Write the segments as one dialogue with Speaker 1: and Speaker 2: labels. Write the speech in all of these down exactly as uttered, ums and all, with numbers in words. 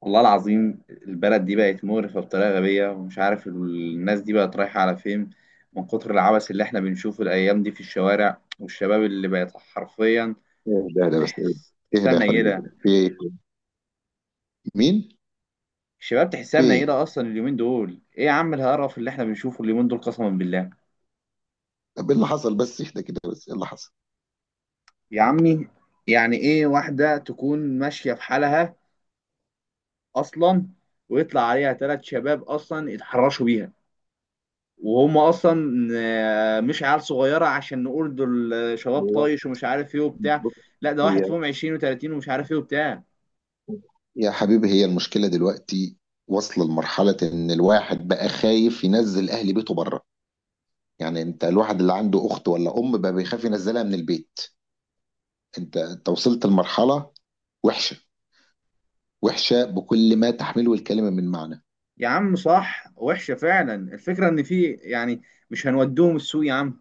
Speaker 1: والله العظيم البلد دي بقت مقرفة بطريقة غبية، ومش عارف الناس دي بقت رايحة على فين من كتر العبث اللي احنا بنشوفه الأيام دي في الشوارع، والشباب اللي بقت حرفيا
Speaker 2: اهدى اهدى بس.
Speaker 1: تحس تحسها
Speaker 2: اهدى يا حبيبي،
Speaker 1: منيلة.
Speaker 2: كده في ايه؟ مين؟
Speaker 1: الشباب تحسها
Speaker 2: في ايه؟
Speaker 1: منيلة أصلا. اليومين دول إيه يا عم القرف اللي احنا بنشوفه اليومين دول؟ قسما بالله.
Speaker 2: طب ايه اللي حصل؟ بس اهدى كده، بس ايه اللي حصل؟
Speaker 1: يا عمي، يعني إيه واحدة تكون ماشية في حالها أصلا ويطلع عليها ثلاث شباب أصلا يتحرشوا بيها؟ وهم اصلا آه، مش عيال صغيره عشان نقول دول آه، شباب
Speaker 2: هو
Speaker 1: طايش ومش عارف ايه وبتاع.
Speaker 2: بص،
Speaker 1: لا، ده واحد
Speaker 2: هي،
Speaker 1: فيهم عشرين و30، ومش عارف ايه وبتاع.
Speaker 2: يا حبيبي، هي المشكله دلوقتي واصله لمرحله ان الواحد بقى خايف ينزل اهل بيته بره. يعني انت الواحد اللي عنده اخت ولا ام بقى بيخاف ينزلها من البيت. انت انت وصلت لمرحله وحشه، وحشه بكل ما تحمله الكلمه من معنى.
Speaker 1: يا عم صح، وحشه فعلا. الفكره ان في يعني، مش هنودوهم السوق يا عم.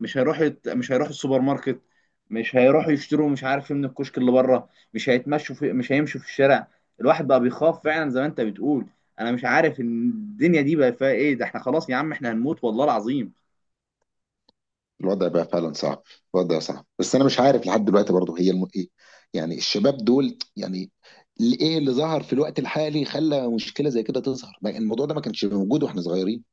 Speaker 1: مش هيروحوا يت- مش هيروحوا السوبر ماركت. مش هيروحوا يشتروا مش عارف ايه من الكشك اللي بره. مش هيتمشوا في مش هيمشوا في الشارع. الواحد بقى بيخاف فعلا زي ما انت بتقول. انا مش عارف إن الدنيا دي بقى فيها ايه. ده احنا خلاص يا عم، احنا هنموت والله العظيم.
Speaker 2: الوضع بقى فعلا صعب. الوضع صعب، بس انا مش عارف لحد دلوقتي برضه هي الم... ايه، يعني الشباب دول، يعني اللي ايه اللي ظهر في الوقت الحالي خلى مشكله زي كده تظهر. ما- الموضوع ده ما كانش موجود واحنا صغيرين.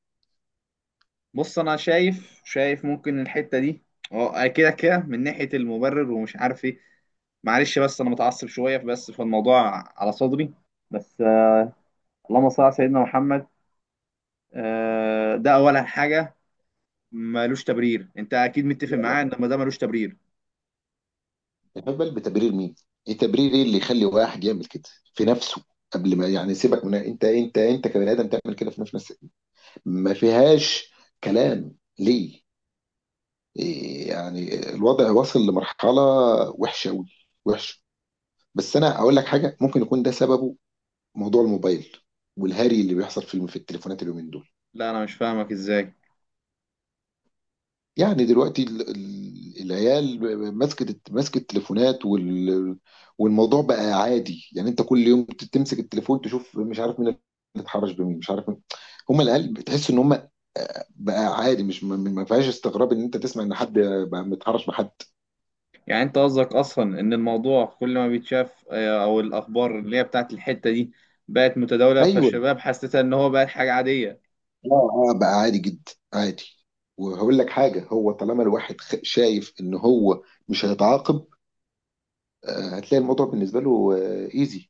Speaker 1: بص، انا شايف شايف ممكن الحته دي، اه، كده كده من ناحيه المبرر ومش عارف ايه. معلش بس انا متعصب شويه بس، فالموضوع على صدري. بس، آه اللهم صل على سيدنا محمد. آه ده اولا حاجه، ملوش تبرير. انت اكيد متفق
Speaker 2: لا
Speaker 1: معايا ان
Speaker 2: لا،
Speaker 1: ما ده ملوش تبرير.
Speaker 2: انت بالك بتبرير مين؟ ايه تبرير؟ ايه اللي يخلي واحد يعمل كده في نفسه؟ قبل ما يعني سيبك من انت، انت انت كبني ادم تعمل كده في نفسك، ما فيهاش كلام. ليه؟ إيه يعني الوضع واصل لمرحله وحشه قوي، وحشه. بس انا اقول لك حاجه، ممكن يكون ده سببه موضوع الموبايل والهري اللي بيحصل في في التليفونات اليومين دول.
Speaker 1: لا، انا مش فاهمك ازاي.
Speaker 2: يعني دلوقتي ال- ال- العيال ماسكه ماسكه التليفونات وال- والموضوع بقى عادي. يعني انت كل يوم ت- تمسك التليفون تشوف مش عارف مين اللي اتحرش بمين، مش عارف مين. هم العيال بتحس ان هم بقى عادي، مش ما ما فيهاش استغراب ان انت تسمع ان حد بقى متحرش بحد.
Speaker 1: يعني انت قصدك اصلا ان الموضوع كل ما بيتشاف آه، او الاخبار اللي هي بتاعت الحته دي بقت متداوله
Speaker 2: ايوه،
Speaker 1: فالشباب، حسيتها ان هو بقت حاجه عاديه؟
Speaker 2: اه، اه بقى عادي جدا، عادي. وهقول لك حاجه، هو طالما الواحد خ- شايف ان هو مش هيتعاقب، آه، هتلاقي الموضوع بالنسبه له ايزي.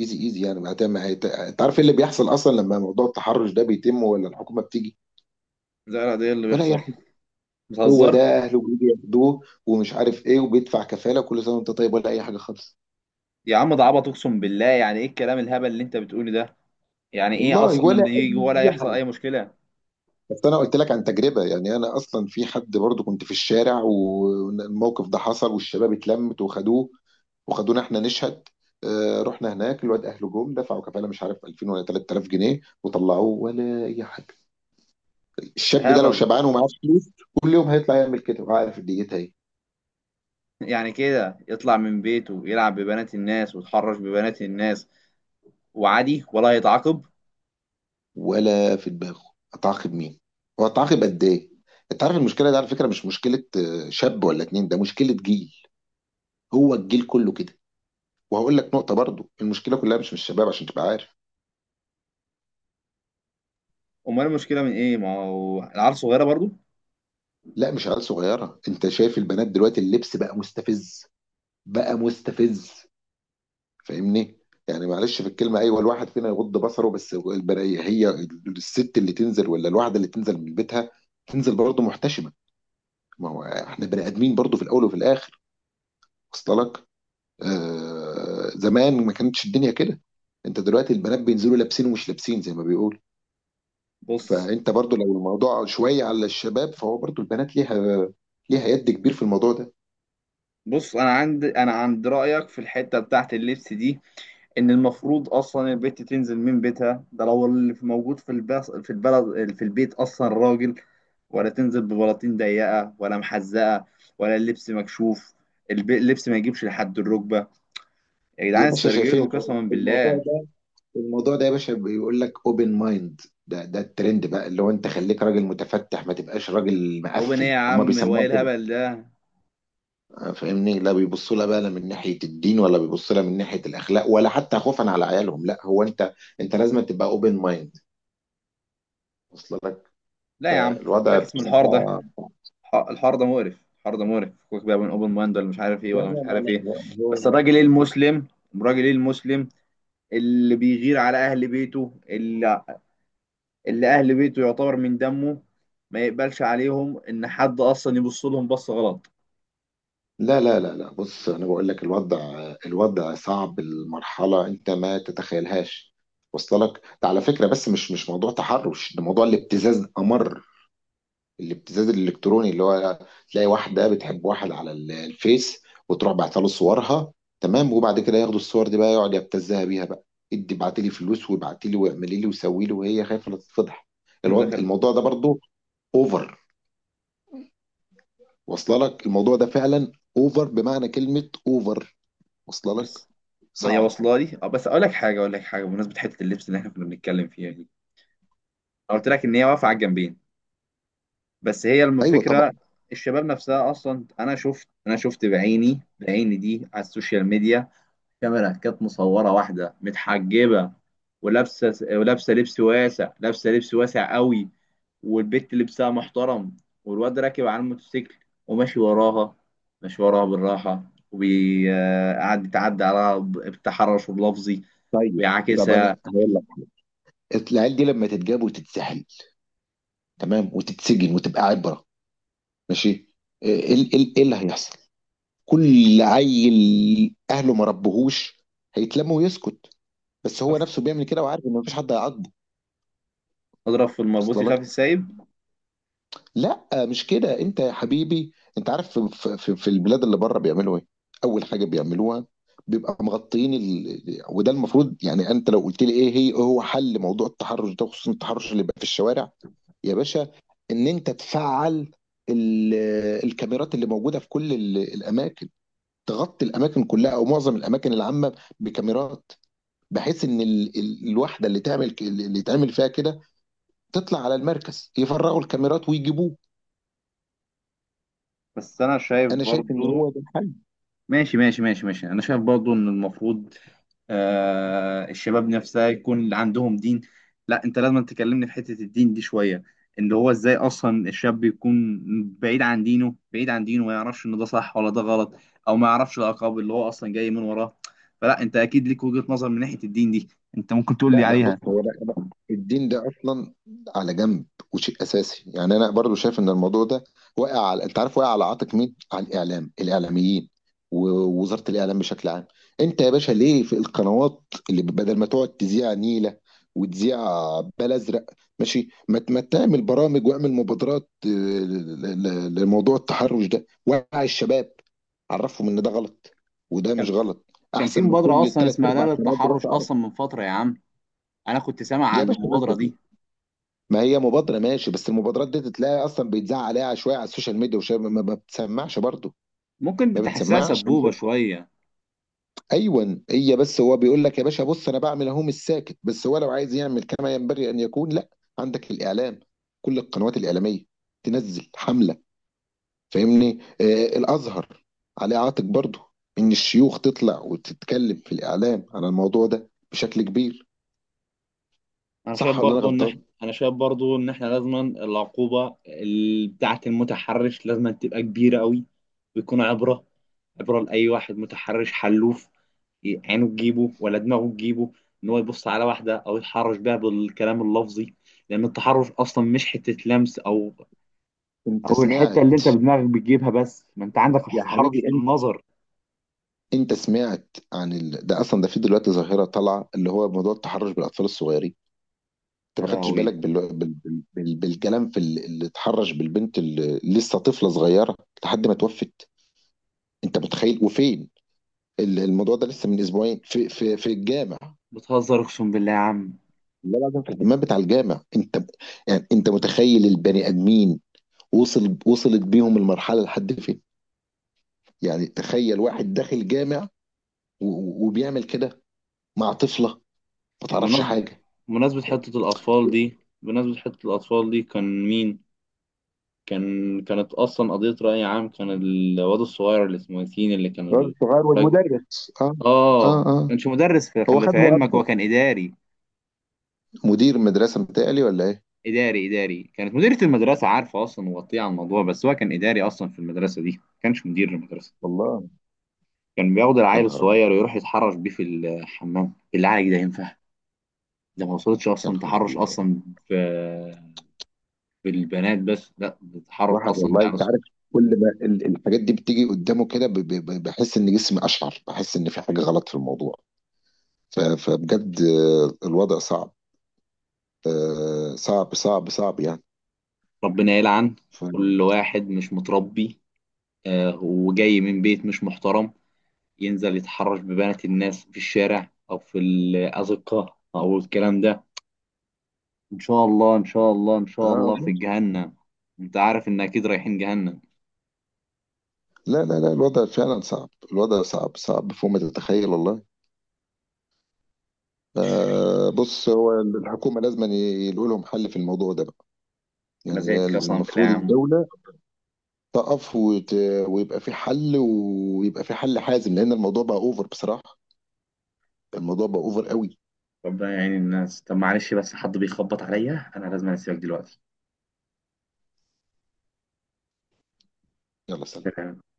Speaker 2: ايزي ايزي يعني بعدها ما هيت... انت عارف ايه اللي بيحصل اصلا لما موضوع التحرش ده بيتم؟ ولا الحكومه بتيجي
Speaker 1: زي العاديه اللي
Speaker 2: ولا اي
Speaker 1: بيحصل.
Speaker 2: حاجه؟ هو
Speaker 1: بتهزر.
Speaker 2: ده اهله بيجي ياخدوه ومش عارف ايه وبيدفع كفاله كل سنه وانت طيب ولا اي حاجه خالص.
Speaker 1: يا عم ده عبط، اقسم بالله. يعني ايه الكلام الهبل اللي انت بتقوله ده؟ يعني ايه
Speaker 2: والله
Speaker 1: اصلا
Speaker 2: ولا
Speaker 1: ان يجي ولا
Speaker 2: اي
Speaker 1: يحصل
Speaker 2: حاجه.
Speaker 1: اي مشكله؟
Speaker 2: بس انا قلت لك عن تجربه. يعني انا اصلا في حد برضه كنت في الشارع والموقف ده حصل والشباب اتلمت وخدوه وخدونا احنا نشهد. آه رحنا هناك، الواد اهله جم دفعوا كفاله مش عارف ألفين ولا تلات آلاف جنيه وطلعوه ولا اي حاجه.
Speaker 1: ده
Speaker 2: الشاب ده لو
Speaker 1: هبل.
Speaker 2: شبعان ومعاه فلوس كل يوم هيطلع يعمل كده، عارف ديتها ايه؟
Speaker 1: يعني كده يطلع من بيته يلعب ببنات الناس ويتحرش ببنات الناس وعادي ولا هيتعاقب؟
Speaker 2: ولا في دماغه. اتعاقب مين؟ واتعاقب قد ايه؟ انت عارف المشكله دي على فكره مش مشكله آه، شاب ولا اتنين، ده مشكله جيل. هو الجيل كله كده. وهقول لك نقطه برضو، المشكله كلها مش من الشباب عشان تبقى عارف.
Speaker 1: امال المشكله من ايه؟ ما هو العيال صغيره برضو.
Speaker 2: لا مش عيال صغيره، انت شايف البنات دلوقتي اللبس بقى مستفز، بقى مستفز. فاهمني؟ يعني معلش في الكلمه، ايوه الواحد فينا يغض بصره، بس البنية هي الست اللي تنزل، ولا الواحده اللي تنزل من بيتها تنزل برضه محتشمه. ما هو احنا بني ادمين برضو في الاول وفي الاخر. وصل لك؟ آه زمان ما كانتش الدنيا كده. انت دلوقتي البنات بينزلوا لابسين ومش لابسين زي ما بيقول.
Speaker 1: بص
Speaker 2: فانت برضو لو الموضوع شويه على الشباب، فهو برضو البنات ليها، ليها يد كبير في الموضوع ده.
Speaker 1: بص انا عند انا عند رايك في الحته بتاعت اللبس دي. ان المفروض اصلا البت تنزل من بيتها، ده لو اللي في- موجود في البس... في البلد في البيت اصلا راجل. ولا تنزل ببلاطين ضيقه ولا محزقه. ولا اللبس مكشوف. الب- اللبس ما يجيبش لحد الركبه. يا
Speaker 2: يا
Speaker 1: جدعان
Speaker 2: باشا
Speaker 1: استرجلوا
Speaker 2: شايفين
Speaker 1: قسما
Speaker 2: الموضوع
Speaker 1: بالله.
Speaker 2: ده. الموضوع ده يا باشا بيقول لك اوبن مايند. ده ده الترند بقى اللي هو انت خليك راجل متفتح، ما تبقاش راجل
Speaker 1: اوبن ايه
Speaker 2: مقفل،
Speaker 1: يا
Speaker 2: هم
Speaker 1: عم،
Speaker 2: بيسموها.
Speaker 1: وايه الهبل ده؟
Speaker 2: فاهمني؟ لا بيبصوا لها بقى لا من ناحيه الدين، ولا بيبصوا لها من ناحيه الاخلاق، ولا حتى خوفا على عيالهم. لا، هو انت، انت لازم تبقى اوبن مايند. واصل لك؟
Speaker 1: لا يا عم،
Speaker 2: فالوضع
Speaker 1: فاكس من الحوار ده.
Speaker 2: بصراحه،
Speaker 1: الح- الحوار ده مقرف. الحوار ده مقرف. فكك بقى من اوبن مايند ولا مش عارف ايه
Speaker 2: لا
Speaker 1: ولا
Speaker 2: لا
Speaker 1: مش
Speaker 2: لا
Speaker 1: عارف ايه.
Speaker 2: لا هو-
Speaker 1: بس الراجل ايه
Speaker 2: هو-
Speaker 1: المسلم؟ الراجل ايه المسلم اللي بيغير على اهل بيته، اللي, اللي اهل بيته يعتبر من دمه؟ ما يقبلش عليهم ان حد اصلا يبص لهم بصه غلط.
Speaker 2: لا لا لا لا، بص انا بقول لك الوضع، الوضع صعب، المرحله انت ما تتخيلها تتخيلهاش. وصل لك؟ ده على فكره بس مش مش موضوع تحرش، ده موضوع الابتزاز، امر الابتزاز الالكتروني اللي هو تلاقي واحده بتحب واحد على ال- الفيس، وتروح بعتها له صورها، تمام؟ وبعد كده ياخدوا الصور دي بقى، يقعد يبتزها بيها بقى، ادي ابعتي لي فلوس وابعتي لي واعملي لي وسوي لي، وهي خايفه لا تتفضح. الوضع
Speaker 1: داخل.
Speaker 2: الموضوع ده برضو اوفر، واصله لك الموضوع ده فعلا اوفر، بمعنى كلمه اوفر. واصله لك؟
Speaker 1: بس ما هي
Speaker 2: صعب.
Speaker 1: واصله لي. اه بس اقول لك حاجه اقول لك حاجه بمناسبه حته اللبس اللي احنا كنا بنتكلم فيها دي. انا قلت لك ان هي واقفه على الجنبين. بس هي
Speaker 2: ايوه
Speaker 1: الفكره،
Speaker 2: طبعا.
Speaker 1: الشباب نفسها اصلا. انا شفت انا شفت بعيني بعيني دي على السوشيال ميديا. كاميرا كانت مصوره واحده متحجبه، ولابسه ولابسه لبس واسع، لابسه لبس واسع قوي. والبت لبسها محترم. والواد راكب على الموتوسيكل وماشي وراها، ماشي وراها بالراحة. وقعد يتعدى عليها ب- بتحرش لفظي
Speaker 2: طيب، طب
Speaker 1: ويعاكسها.
Speaker 2: انا هقول لك، العيال دي لما تتجاب وتتسحل، تمام، وتتسجن وتبقى عبره، ماشي. ايه إيه- إيه اللي هيحصل؟ كل عيل اهله ما ربهوش هيتلم ويسكت، بس هو نفسه بيعمل كده وعارف ان مفيش حد هيعاقبه.
Speaker 1: اضرب في المربوط
Speaker 2: وصل
Speaker 1: يخاف
Speaker 2: لك؟
Speaker 1: السايب.
Speaker 2: لا مش كده، انت يا حبيبي انت عارف في, في, في في البلاد اللي بره بيعملوا ايه؟ اول حاجه بيعملوها بيبقى مغطيين ال... وده المفروض. يعني انت لو قلت لي ايه هي، إيه هو حل موضوع التحرش ده خصوصا التحرش اللي بقى في الشوارع، يا باشا، ان انت تفعل ال... الكاميرات اللي موجوده في كل ال... الاماكن. تغطي الاماكن كلها او معظم الاماكن العامه بكاميرات، بحيث ان ال- ال- الوحده اللي تعمل ك- اللي تعمل فيها كده تطلع على المركز يفرغوا الكاميرات ويجيبوه.
Speaker 1: بس انا شايف
Speaker 2: انا شايف ان
Speaker 1: برضو.
Speaker 2: هو ده الحل.
Speaker 1: ماشي ماشي ماشي ماشي. انا شايف برضو ان المفروض آه، الشباب نفسها يكون عندهم دين. لا، انت لازم تكلمني في حتة الدين دي شوية. اللي هو ازاي اصلا الشاب يكون بعيد عن دينه، بعيد عن دينه ما يعرفش ان ده صح ولا ده غلط، او ما يعرفش العقاب اللي هو اصلا جاي من وراه. فلا، انت اكيد ليك وجهة نظر من ناحية الدين دي، انت ممكن تقول لي
Speaker 2: لا لا، بص
Speaker 1: عليها.
Speaker 2: هو، لا لا، الدين ده اصلا على جنب، وشيء اساسي. يعني انا برضو شايف ان الموضوع ده واقع على، انت عارف، واقع على عاتق مين؟ على الاعلام، الاعلاميين ووزاره الاعلام بشكل عام. انت يا باشا ليه في القنوات اللي بدل ما تقعد تذيع نيله وتذيع بال ازرق، ماشي، ما ت- ما تعمل برامج واعمل مبادرات، آه، ل- ل- لموضوع التحرش ده، وعي الشباب، عرفهم ان ده غلط وده مش
Speaker 1: كان
Speaker 2: غلط؟
Speaker 1: كان في
Speaker 2: احسن من
Speaker 1: مبادرة
Speaker 2: كل
Speaker 1: اصلا
Speaker 2: ثلاث
Speaker 1: اسمها لا
Speaker 2: ارباع قنوات
Speaker 1: للتحرش
Speaker 2: دلوقتي عرب.
Speaker 1: اصلا من فترة يا عم. انا كنت سامع
Speaker 2: يا
Speaker 1: عن
Speaker 2: باشا
Speaker 1: المبادرة
Speaker 2: نازله.
Speaker 1: دي.
Speaker 2: ما هي مبادرة ماشي، بس المبادرات دي تلاقي أصلا بيتذاع عليها شوية على السوشيال ميديا وشوية ما ما بتسمعش برضه.
Speaker 1: ممكن
Speaker 2: ما
Speaker 1: بتحسها
Speaker 2: بتسمعش.
Speaker 1: سبوبة شوية.
Speaker 2: أيوة هي، بس هو بيقول لك يا باشا، بص أنا بعمل أهو مش ساكت، بس هو لو عايز يعمل كما ينبغي أن يكون، لا، عندك الإعلام، كل القنوات الإعلامية تنزل حملة. فاهمني؟ آه الأزهر عليه عاتق برضه، إن الشيوخ تطلع وتتكلم في الإعلام عن الموضوع ده بشكل كبير.
Speaker 1: انا شايف
Speaker 2: صح ولا أنا
Speaker 1: برضو ان احنا
Speaker 2: غلطان؟
Speaker 1: انا شايف برضو ان احنا لازما العقوبه ال- بتاعه المتحرش لازما تبقى كبيره قوي. ويكون عبره. عبره لاي واحد متحرش حلوف، ي- عينه تجيبه ولا دماغه تجيبه، ان هو يبص على واحده او يتحرش بيها بالكلام اللفظي. لان التحرش اصلا مش حته لمس او
Speaker 2: أنت
Speaker 1: او الحته اللي
Speaker 2: سمعت،
Speaker 1: انت بدماغك بتجيبها، بس ما انت عندك
Speaker 2: يا حبيبي
Speaker 1: التحرش بالنظر.
Speaker 2: انت سمعت عن ال... ده اصلا، ده في دلوقتي ظاهره طالعه اللي هو موضوع التحرش بالاطفال الصغيرين؟ انت
Speaker 1: يا
Speaker 2: ما خدتش بالك
Speaker 1: لهوي.
Speaker 2: بال... بال... بال... بالكلام في ال- اللي اتحرش بالبنت اللي لسه طفله صغيره لحد ما توفت؟ انت متخيل؟ وفين؟ ال- الموضوع ده لسه من اسبوعين في في في الجامع.
Speaker 1: بتهزر اقسم بالله يا عم.
Speaker 2: لا لازم، في الدماغ بتاع الجامع انت. يعني انت متخيل البني ادمين وصل وصلت بيهم المرحله لحد فين؟ يعني تخيل واحد داخل جامع و... و- وبيعمل كده مع طفله ما تعرفش
Speaker 1: بمناسبه
Speaker 2: حاجه.
Speaker 1: بمناسبه حته الاطفال دي بمناسبه حته الاطفال دي كان مين؟ كان كانت اصلا قضيه راي عام. كان الواد الصغير اللي اسمه ياسين اللي
Speaker 2: الواد
Speaker 1: كان
Speaker 2: الصغير
Speaker 1: الراجل،
Speaker 2: والمدرس، اه.
Speaker 1: اه،
Speaker 2: اه اه.
Speaker 1: كانش مدرس، في
Speaker 2: هو
Speaker 1: خلي
Speaker 2: خد
Speaker 1: في علمك
Speaker 2: مؤبد.
Speaker 1: هو كان اداري.
Speaker 2: مدير مدرسة متهيألي ولا ايه؟
Speaker 1: اداري اداري كانت مديرة المدرسة عارفة اصلا وغطية على الموضوع. بس هو كان اداري اصلا في المدرسة دي، ما كانش مدير المدرسة.
Speaker 2: والله.
Speaker 1: كان بياخد
Speaker 2: يا
Speaker 1: العيل
Speaker 2: نهار ابيض.
Speaker 1: الصغير ويروح يتحرش بيه في الحمام. بالله عليك ده ينفع؟ ده ما وصلتش
Speaker 2: يا
Speaker 1: اصلا
Speaker 2: نهار
Speaker 1: تحرش
Speaker 2: ابيض.
Speaker 1: اصلا في في البنات. بس لا ده تحرش
Speaker 2: الواحد
Speaker 1: اصلا
Speaker 2: والله،
Speaker 1: بالعيال
Speaker 2: انت
Speaker 1: الصغير.
Speaker 2: عارف، كل ما ال- الحاجات دي بتيجي قدامه كده ب- ب- ب- بحس ان جسمي اشعر، بحس ان في حاجة غلط في الموضوع. ف- فبجد آه، الوضع صعب. آه، صعب صعب صعب يعني.
Speaker 1: ربنا يلعن
Speaker 2: ف...
Speaker 1: كل واحد مش متربي آه، وجاي من بيت مش محترم ينزل يتحرش ببنات الناس في الشارع أو في الأزقة أو الكلام ده. إن شاء الله إن شاء الله إن
Speaker 2: آه
Speaker 1: شاء الله في
Speaker 2: والله.
Speaker 1: جهنم. أنت عارف إن أكيد رايحين جهنم.
Speaker 2: لا لا لا، الوضع فعلا صعب، الوضع صعب، صعب فوق ما تتخيل والله. آه بص هو الحكومة لازم يلاقوا لهم حل في الموضوع ده.
Speaker 1: أنا
Speaker 2: يعني هي
Speaker 1: زهقت قسما بالله يا
Speaker 2: المفروض
Speaker 1: عم.
Speaker 2: الدولة تقف وت... ويبقى في حل، ويبقى في حل حازم، لأن الموضوع بقى أوفر بصراحة. الموضوع بقى أوفر قوي.
Speaker 1: ربنا يعين الناس. طب معلش بس حد بيخبط عليا، أنا لازم أسيبك دلوقتي.
Speaker 2: يلا سلام.